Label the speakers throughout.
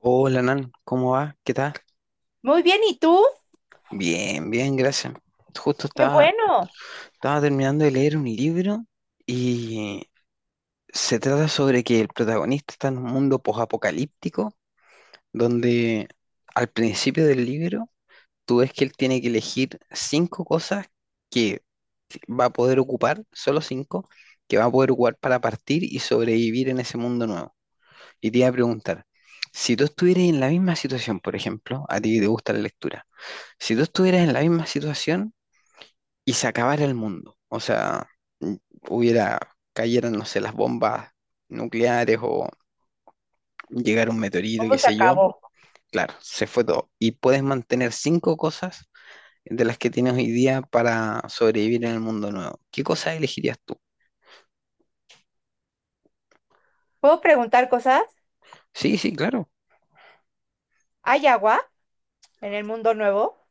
Speaker 1: Hola, Nan, ¿cómo va? ¿Qué tal?
Speaker 2: Muy bien, ¿y tú?
Speaker 1: Bien, bien, gracias. Justo
Speaker 2: Qué
Speaker 1: estaba,
Speaker 2: bueno,
Speaker 1: estaba terminando de leer un libro y se trata sobre que el protagonista está en un mundo posapocalíptico donde al principio del libro tú ves que él tiene que elegir cinco cosas que va a poder ocupar, solo cinco, que va a poder ocupar para partir y sobrevivir en ese mundo nuevo. Y te iba a preguntar, si tú estuvieras en la misma situación, por ejemplo, a ti que te gusta la lectura, si tú estuvieras en la misma situación y se acabara el mundo, o sea, mm, hubiera, cayeran, no sé, las bombas nucleares o llegara un meteorito, qué
Speaker 2: todo se
Speaker 1: sé yo,
Speaker 2: acabó.
Speaker 1: claro, se fue todo. Y puedes mantener cinco cosas de las que tienes hoy día para sobrevivir en el mundo nuevo. ¿Qué cosas elegirías tú?
Speaker 2: ¿Puedo preguntar cosas?
Speaker 1: Sí, sí, claro.
Speaker 2: ¿Hay agua en el mundo nuevo?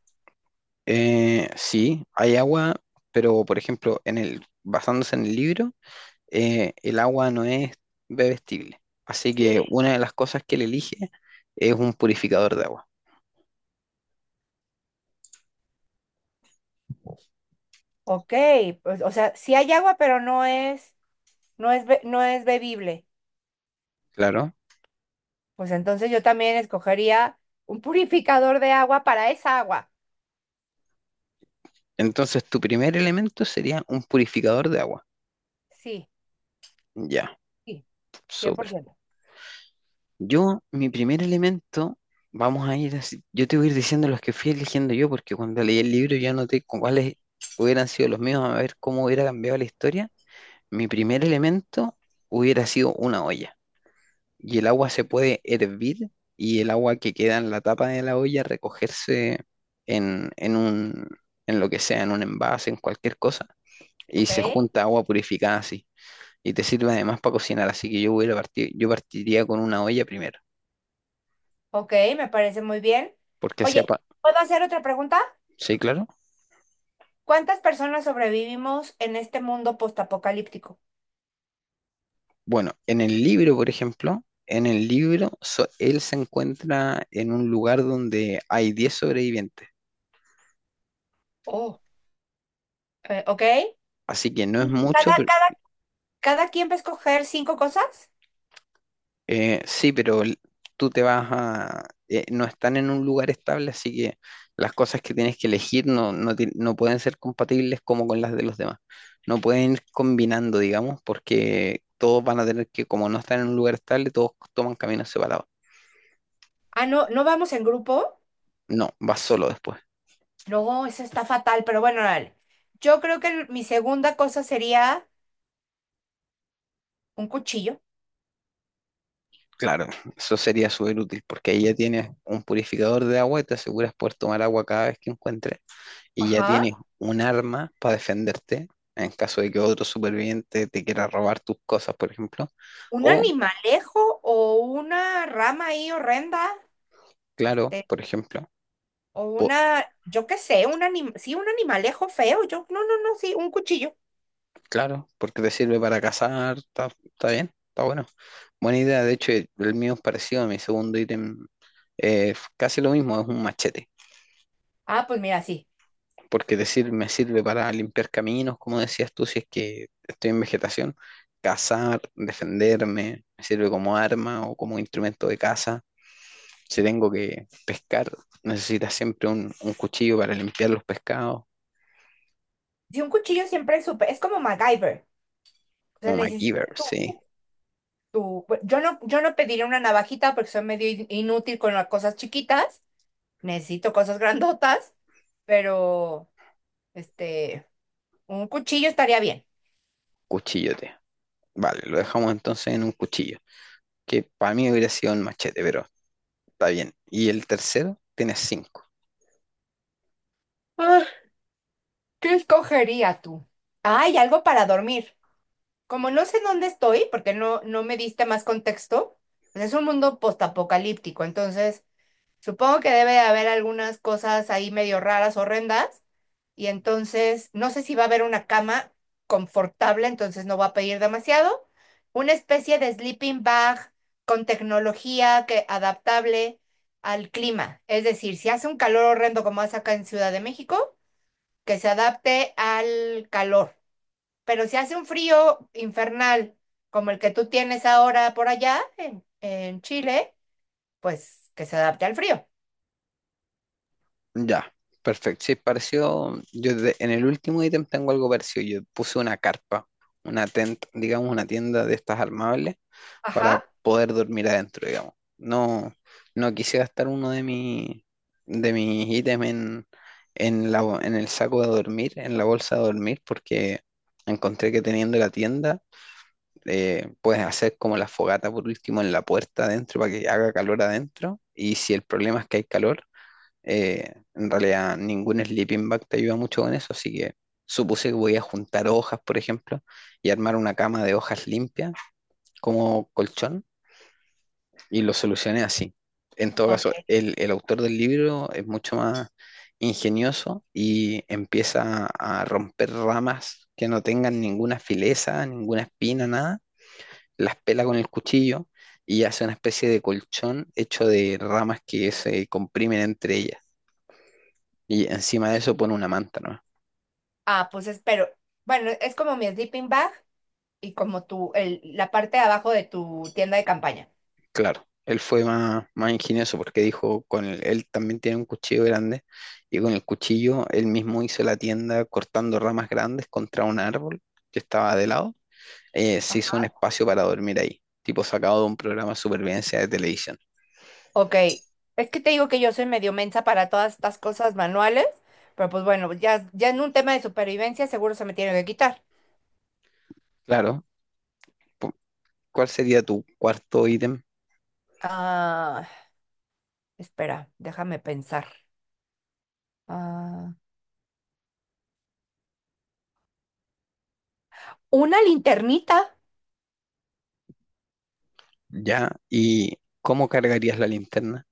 Speaker 1: Sí, hay agua, pero por ejemplo, basándose en el libro. El agua no es bebestible. Así que una de las cosas que él elige es un purificador de agua,
Speaker 2: Ok, pues, o sea, sí hay agua, pero no es bebible.
Speaker 1: claro.
Speaker 2: Pues entonces yo también escogería un purificador de agua para esa agua.
Speaker 1: Entonces tu primer elemento sería un purificador de agua.
Speaker 2: Sí,
Speaker 1: Ya,
Speaker 2: sí, cien por
Speaker 1: súper.
Speaker 2: ciento
Speaker 1: Mi primer elemento, vamos a ir así. Yo te voy a ir diciendo los que fui eligiendo yo, porque cuando leí el libro ya noté cuáles hubieran sido los míos, a ver cómo hubiera cambiado la historia. Mi primer elemento hubiera sido una olla. Y el agua se puede hervir y el agua que queda en la tapa de la olla recogerse en, en un, en lo que sea, en un envase, en cualquier cosa, y
Speaker 2: Ok,
Speaker 1: se junta agua purificada así. Y te sirve además para cocinar, así que yo partiría con una olla primero,
Speaker 2: ok, me parece muy bien.
Speaker 1: porque
Speaker 2: Oye, ¿puedo hacer otra pregunta?
Speaker 1: ¿sí, claro?
Speaker 2: ¿Cuántas personas sobrevivimos en este mundo postapocalíptico?
Speaker 1: Bueno, en el libro, por ejemplo, en el libro so- él se encuentra en un lugar donde hay 10 sobrevivientes,
Speaker 2: Oh, ok.
Speaker 1: así que no es
Speaker 2: Y
Speaker 1: mucho.
Speaker 2: cada, cada Cada quien va a escoger cinco cosas.
Speaker 1: Sí, pero tú te vas a... no están en un lugar estable, así que las cosas que tienes que elegir no pueden ser compatibles como con las de los demás. No pueden ir combinando, digamos, porque todos van a tener que, como no están en un lugar estable, todos toman caminos separados.
Speaker 2: Ah, no, no vamos en grupo.
Speaker 1: No, vas solo después.
Speaker 2: No, eso está fatal, pero bueno, dale. Yo creo que mi segunda cosa sería un cuchillo.
Speaker 1: Claro, eso sería súper útil porque ahí ya tienes un purificador de agua y te aseguras poder tomar agua cada vez que encuentres. Y ya
Speaker 2: Ajá.
Speaker 1: tienes un arma para defenderte en caso de que otro superviviente te quiera robar tus cosas, por ejemplo.
Speaker 2: Un
Speaker 1: O,
Speaker 2: animalejo o una rama ahí horrenda.
Speaker 1: claro,
Speaker 2: te-
Speaker 1: por ejemplo,
Speaker 2: o
Speaker 1: po-
Speaker 2: una, yo qué sé, sí, un animalejo feo. Yo, no, no, no, sí, un cuchillo.
Speaker 1: claro, porque te sirve para cazar, está bien, está bueno. Buena idea, de hecho, el mío es parecido a mi segundo ítem, casi lo mismo, es un machete.
Speaker 2: Ah, pues mira, sí.
Speaker 1: Porque me sirve para limpiar caminos, como decías tú, si es que estoy en vegetación, cazar, defenderme, me sirve como arma o como instrumento de caza. Si tengo que pescar, necesitas siempre un cuchillo para limpiar los pescados,
Speaker 2: Sí, un cuchillo siempre es súper, es como MacGyver. O sea,
Speaker 1: como MacGyver,
Speaker 2: necesitas
Speaker 1: sí,
Speaker 2: tu, yo no pediría una navajita porque soy medio inútil con las cosas chiquitas. Necesito cosas grandotas, pero este, un cuchillo estaría bien.
Speaker 1: cuchillote. Vale, lo dejamos entonces en un cuchillo, que para mí hubiera sido un machete, pero está bien. Y el tercero tiene cinco.
Speaker 2: Ah, ¿qué escogería tú? Ay, algo para dormir. Como no sé dónde estoy, porque no me diste más contexto, pues es un mundo postapocalíptico, entonces supongo que debe de haber algunas cosas ahí medio raras, horrendas, y entonces no sé si va a haber una cama confortable, entonces no va a pedir demasiado. Una especie de sleeping bag con tecnología que adaptable al clima. Es decir, si hace un calor horrendo como hace acá en Ciudad de México, que se adapte al calor. Pero si hace un frío infernal como el que tú tienes ahora por allá en, Chile, pues que se adapte al frío.
Speaker 1: Ya, perfecto. Sí, pareció, en el último ítem tengo algo parecido. Yo puse una carpa, una tent, digamos una tienda de estas armables, para
Speaker 2: Ajá.
Speaker 1: poder dormir adentro, digamos. No, no quise gastar uno de mis ítems en, en el saco de dormir, en la bolsa de dormir, porque encontré que teniendo la tienda, puedes hacer como la fogata por último en la puerta adentro para que haga calor adentro. Y si el problema es que hay calor, en realidad ningún sleeping bag te ayuda mucho con eso, así que supuse que voy a juntar hojas, por ejemplo, y armar una cama de hojas limpias como colchón y lo solucioné así. En todo
Speaker 2: Ok.
Speaker 1: caso, el autor del libro es mucho más ingenioso y empieza a romper ramas que no tengan ninguna fileza, ninguna espina, nada. Las pela con el cuchillo y hace una especie de colchón hecho de ramas que se comprimen entre ellas. Y encima de eso pone una manta, ¿no?
Speaker 2: Ah, pues espero. Bueno, es como mi sleeping bag y como la parte de abajo de tu tienda de campaña.
Speaker 1: Claro, él fue más, más ingenioso porque dijo, él también tiene un cuchillo grande y con el cuchillo él mismo hizo la tienda cortando ramas grandes contra un árbol que estaba de lado. Se hizo un
Speaker 2: Ajá.
Speaker 1: espacio para dormir ahí, tipo sacado de un programa de supervivencia de televisión.
Speaker 2: Ok, es que te digo que yo soy medio mensa para todas estas cosas manuales, pero pues bueno, ya, ya en un tema de supervivencia seguro se me tiene que quitar.
Speaker 1: Claro, pu- ¿cuál sería tu cuarto ítem
Speaker 2: Ah, espera, déjame pensar. Ah, una linternita
Speaker 1: ya? ¿Y cómo cargarías la linterna?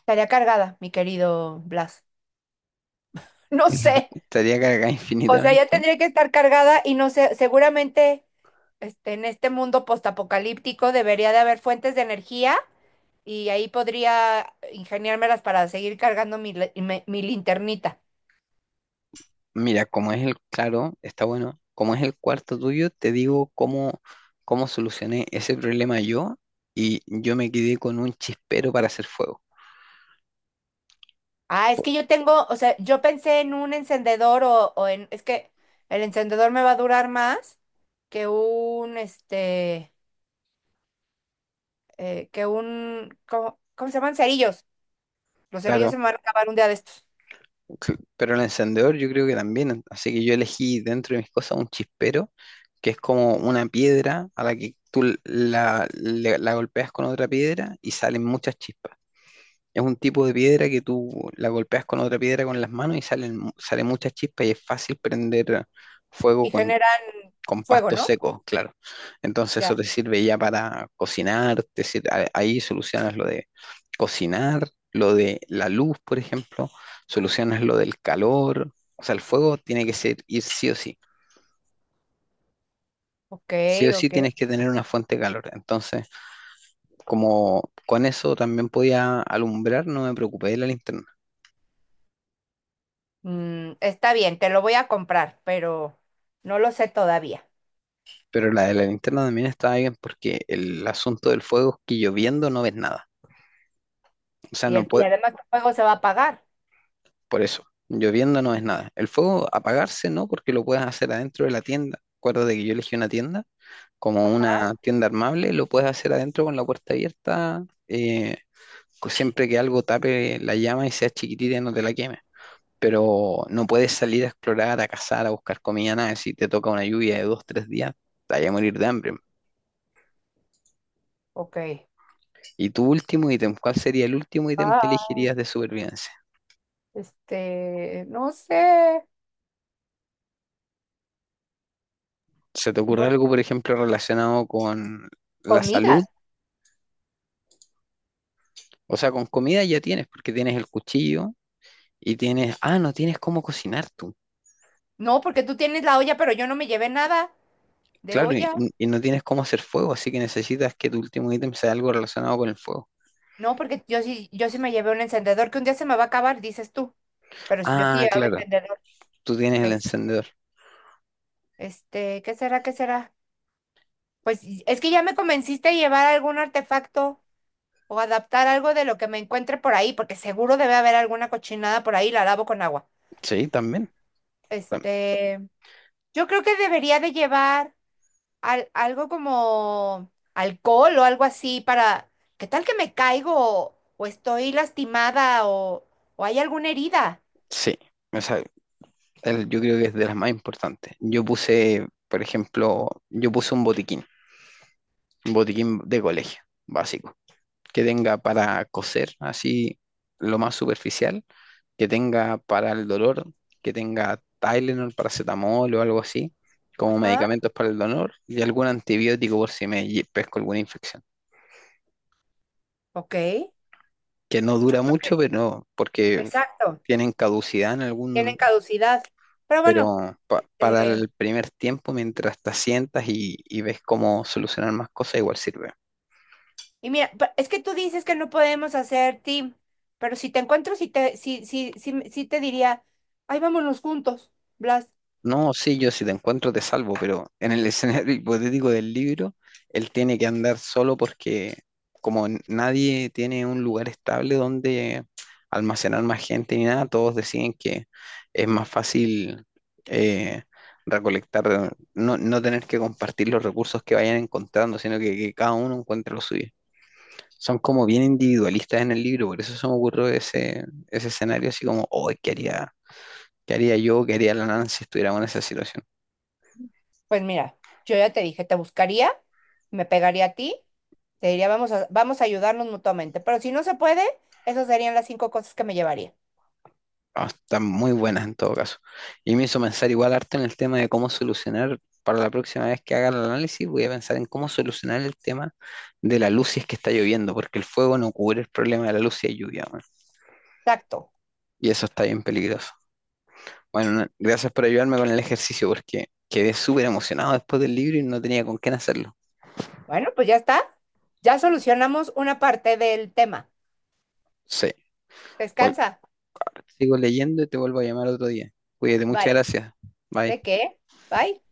Speaker 2: estaría cargada, mi querido Blas. No sé,
Speaker 1: ¿Estaría cargada
Speaker 2: o sea, ya
Speaker 1: infinitamente?
Speaker 2: tendría que estar cargada y no sé, seguramente en este mundo postapocalíptico debería de haber fuentes de energía y ahí podría ingeniármelas para seguir cargando mi linternita.
Speaker 1: Mira, como es el, claro, está bueno. Como es el cuarto tuyo, te digo cómo solucioné ese problema yo y yo me quedé con un chispero para hacer fuego.
Speaker 2: Ah, es
Speaker 1: Po-
Speaker 2: que yo tengo, o sea, yo pensé en un encendedor o en, es que el encendedor me va a durar más que un, ¿cómo se llaman? Cerillos. Los cerillos
Speaker 1: Claro,
Speaker 2: se me van a acabar un día de estos
Speaker 1: pero el encendedor yo creo que también, así que yo elegí dentro de mis cosas un chispero, que es como una piedra a la que tú l- la, le- la golpeas con otra piedra y salen muchas chispas. Es un tipo de piedra que tú la golpeas con otra piedra con las manos y salen muchas chispas y es fácil prender fuego
Speaker 2: y generan
Speaker 1: con
Speaker 2: fuego,
Speaker 1: pastos
Speaker 2: ¿no?
Speaker 1: secos, claro. Entonces eso
Speaker 2: Ya.
Speaker 1: te sirve ya para cocinar, ahí solucionas lo de cocinar, lo de la luz, por ejemplo, solucionas lo del calor, o sea, el fuego tiene que ir sí o sí.
Speaker 2: Ok,
Speaker 1: Sí o sí
Speaker 2: ok.
Speaker 1: tienes que tener una fuente de calor. Entonces, como con eso también podía alumbrar, no me preocupé de la linterna.
Speaker 2: Está bien, te lo voy a comprar, pero no lo sé todavía.
Speaker 1: Pero la de la linterna también estaba bien porque el asunto del fuego es que lloviendo no ves nada. O sea,
Speaker 2: Y,
Speaker 1: no,
Speaker 2: el, y
Speaker 1: pue-
Speaker 2: además el juego se va a pagar.
Speaker 1: por eso, lloviendo no es nada. El fuego apagarse no, porque lo puedes hacer adentro de la tienda. Acuérdate que yo elegí una tienda, como
Speaker 2: Ajá,
Speaker 1: una tienda armable, lo puedes hacer adentro con la puerta abierta, siempre que algo tape la llama y sea chiquitita y no te la queme. Pero no puedes salir a explorar, a cazar, a buscar comida, nada. Si te toca una lluvia de 2, 3 días, te vas a morir de hambre.
Speaker 2: ok.
Speaker 1: ¿Y tu último ítem? ¿Cuál sería el último ítem que
Speaker 2: Ah,
Speaker 1: elegirías de supervivencia?
Speaker 2: no sé,
Speaker 1: ¿Se te ocurre
Speaker 2: no,
Speaker 1: algo, por ejemplo, relacionado con la salud?
Speaker 2: comida.
Speaker 1: O sea, con comida ya tienes, porque tienes el cuchillo y tienes, no tienes cómo cocinar tú.
Speaker 2: No, porque tú tienes la olla, pero yo no me llevé nada de
Speaker 1: Claro, y,
Speaker 2: olla.
Speaker 1: y no tienes cómo hacer fuego, así que necesitas que tu último ítem sea algo relacionado con el fuego.
Speaker 2: No, porque yo sí me llevé un encendedor que un día se me va a acabar, dices tú. Pero si yo sí
Speaker 1: Ah,
Speaker 2: llevaba
Speaker 1: claro,
Speaker 2: encendedor,
Speaker 1: tú tienes el
Speaker 2: es,
Speaker 1: encendedor.
Speaker 2: ¿qué será? ¿Qué será? Pues es que ya me convenciste a llevar algún artefacto. O adaptar algo de lo que me encuentre por ahí, porque seguro debe haber alguna cochinada por ahí, la lavo con agua.
Speaker 1: Sí, también. tam-
Speaker 2: Este, yo creo que debería de llevar algo como alcohol o algo así para, ¿qué tal que me caigo o estoy lastimada o hay alguna herida?
Speaker 1: Sí, o sea, yo creo que es de las más importantes. Yo puse, por ejemplo, yo puse un botiquín de colegio, básico, que tenga para coser así lo más superficial, que tenga para el dolor, que tenga Tylenol, paracetamol o algo así, como
Speaker 2: Ajá,
Speaker 1: medicamentos para el dolor, y algún antibiótico por si pesco alguna infección,
Speaker 2: ok.
Speaker 1: que no dura mucho, pero porque
Speaker 2: Exacto,
Speaker 1: tienen caducidad
Speaker 2: tienen caducidad. Pero bueno,
Speaker 1: pero para
Speaker 2: eh,
Speaker 1: el primer tiempo, mientras te sientas y ves cómo solucionar más cosas, igual sirve.
Speaker 2: y mira, es que tú dices que no podemos hacer team, pero si te encuentro, sí te, sí, sí, sí, sí te diría, ay, vámonos juntos, Blas.
Speaker 1: No, sí, yo si te encuentro te salvo, pero en el escenario hipotético del libro, él tiene que andar solo porque nadie tiene un lugar estable donde almacenar más gente ni nada, todos deciden que es más fácil eh, recolectar, no, no tener que compartir los recursos que vayan encontrando, sino que cada uno encuentre lo suyo. Son como bien individualistas en el libro, por eso se me ocurrió ese escenario así como, oh, qué haría yo, qué haría la Nancy si estuviéramos en esa situación?
Speaker 2: Pues mira, yo ya te dije, te buscaría, me pegaría a ti, te diría, vamos a ayudarnos mutuamente. Pero si no se puede, esas serían las cinco cosas que me llevaría.
Speaker 1: Ah, están muy buenas en todo caso. Y me hizo pensar igual harto en el tema de cómo solucionar, para la próxima vez que haga el análisis, voy a pensar en cómo solucionar el tema de la luz si es que está lloviendo, porque el fuego no cubre el problema de la luz si hay lluvia, weón.
Speaker 2: Exacto.
Speaker 1: Y eso está bien peligroso. Bueno, gracias por ayudarme con el ejercicio, porque quedé súper emocionado después del libro y no tenía con quién hacerlo.
Speaker 2: Bueno, pues ya está. Ya solucionamos una parte del tema.
Speaker 1: Sí, Cual-
Speaker 2: Descansa.
Speaker 1: sigo leyendo y te vuelvo a llamar otro día. Cuídate, muchas
Speaker 2: Vale.
Speaker 1: gracias. Bye.
Speaker 2: ¿De qué? Bye.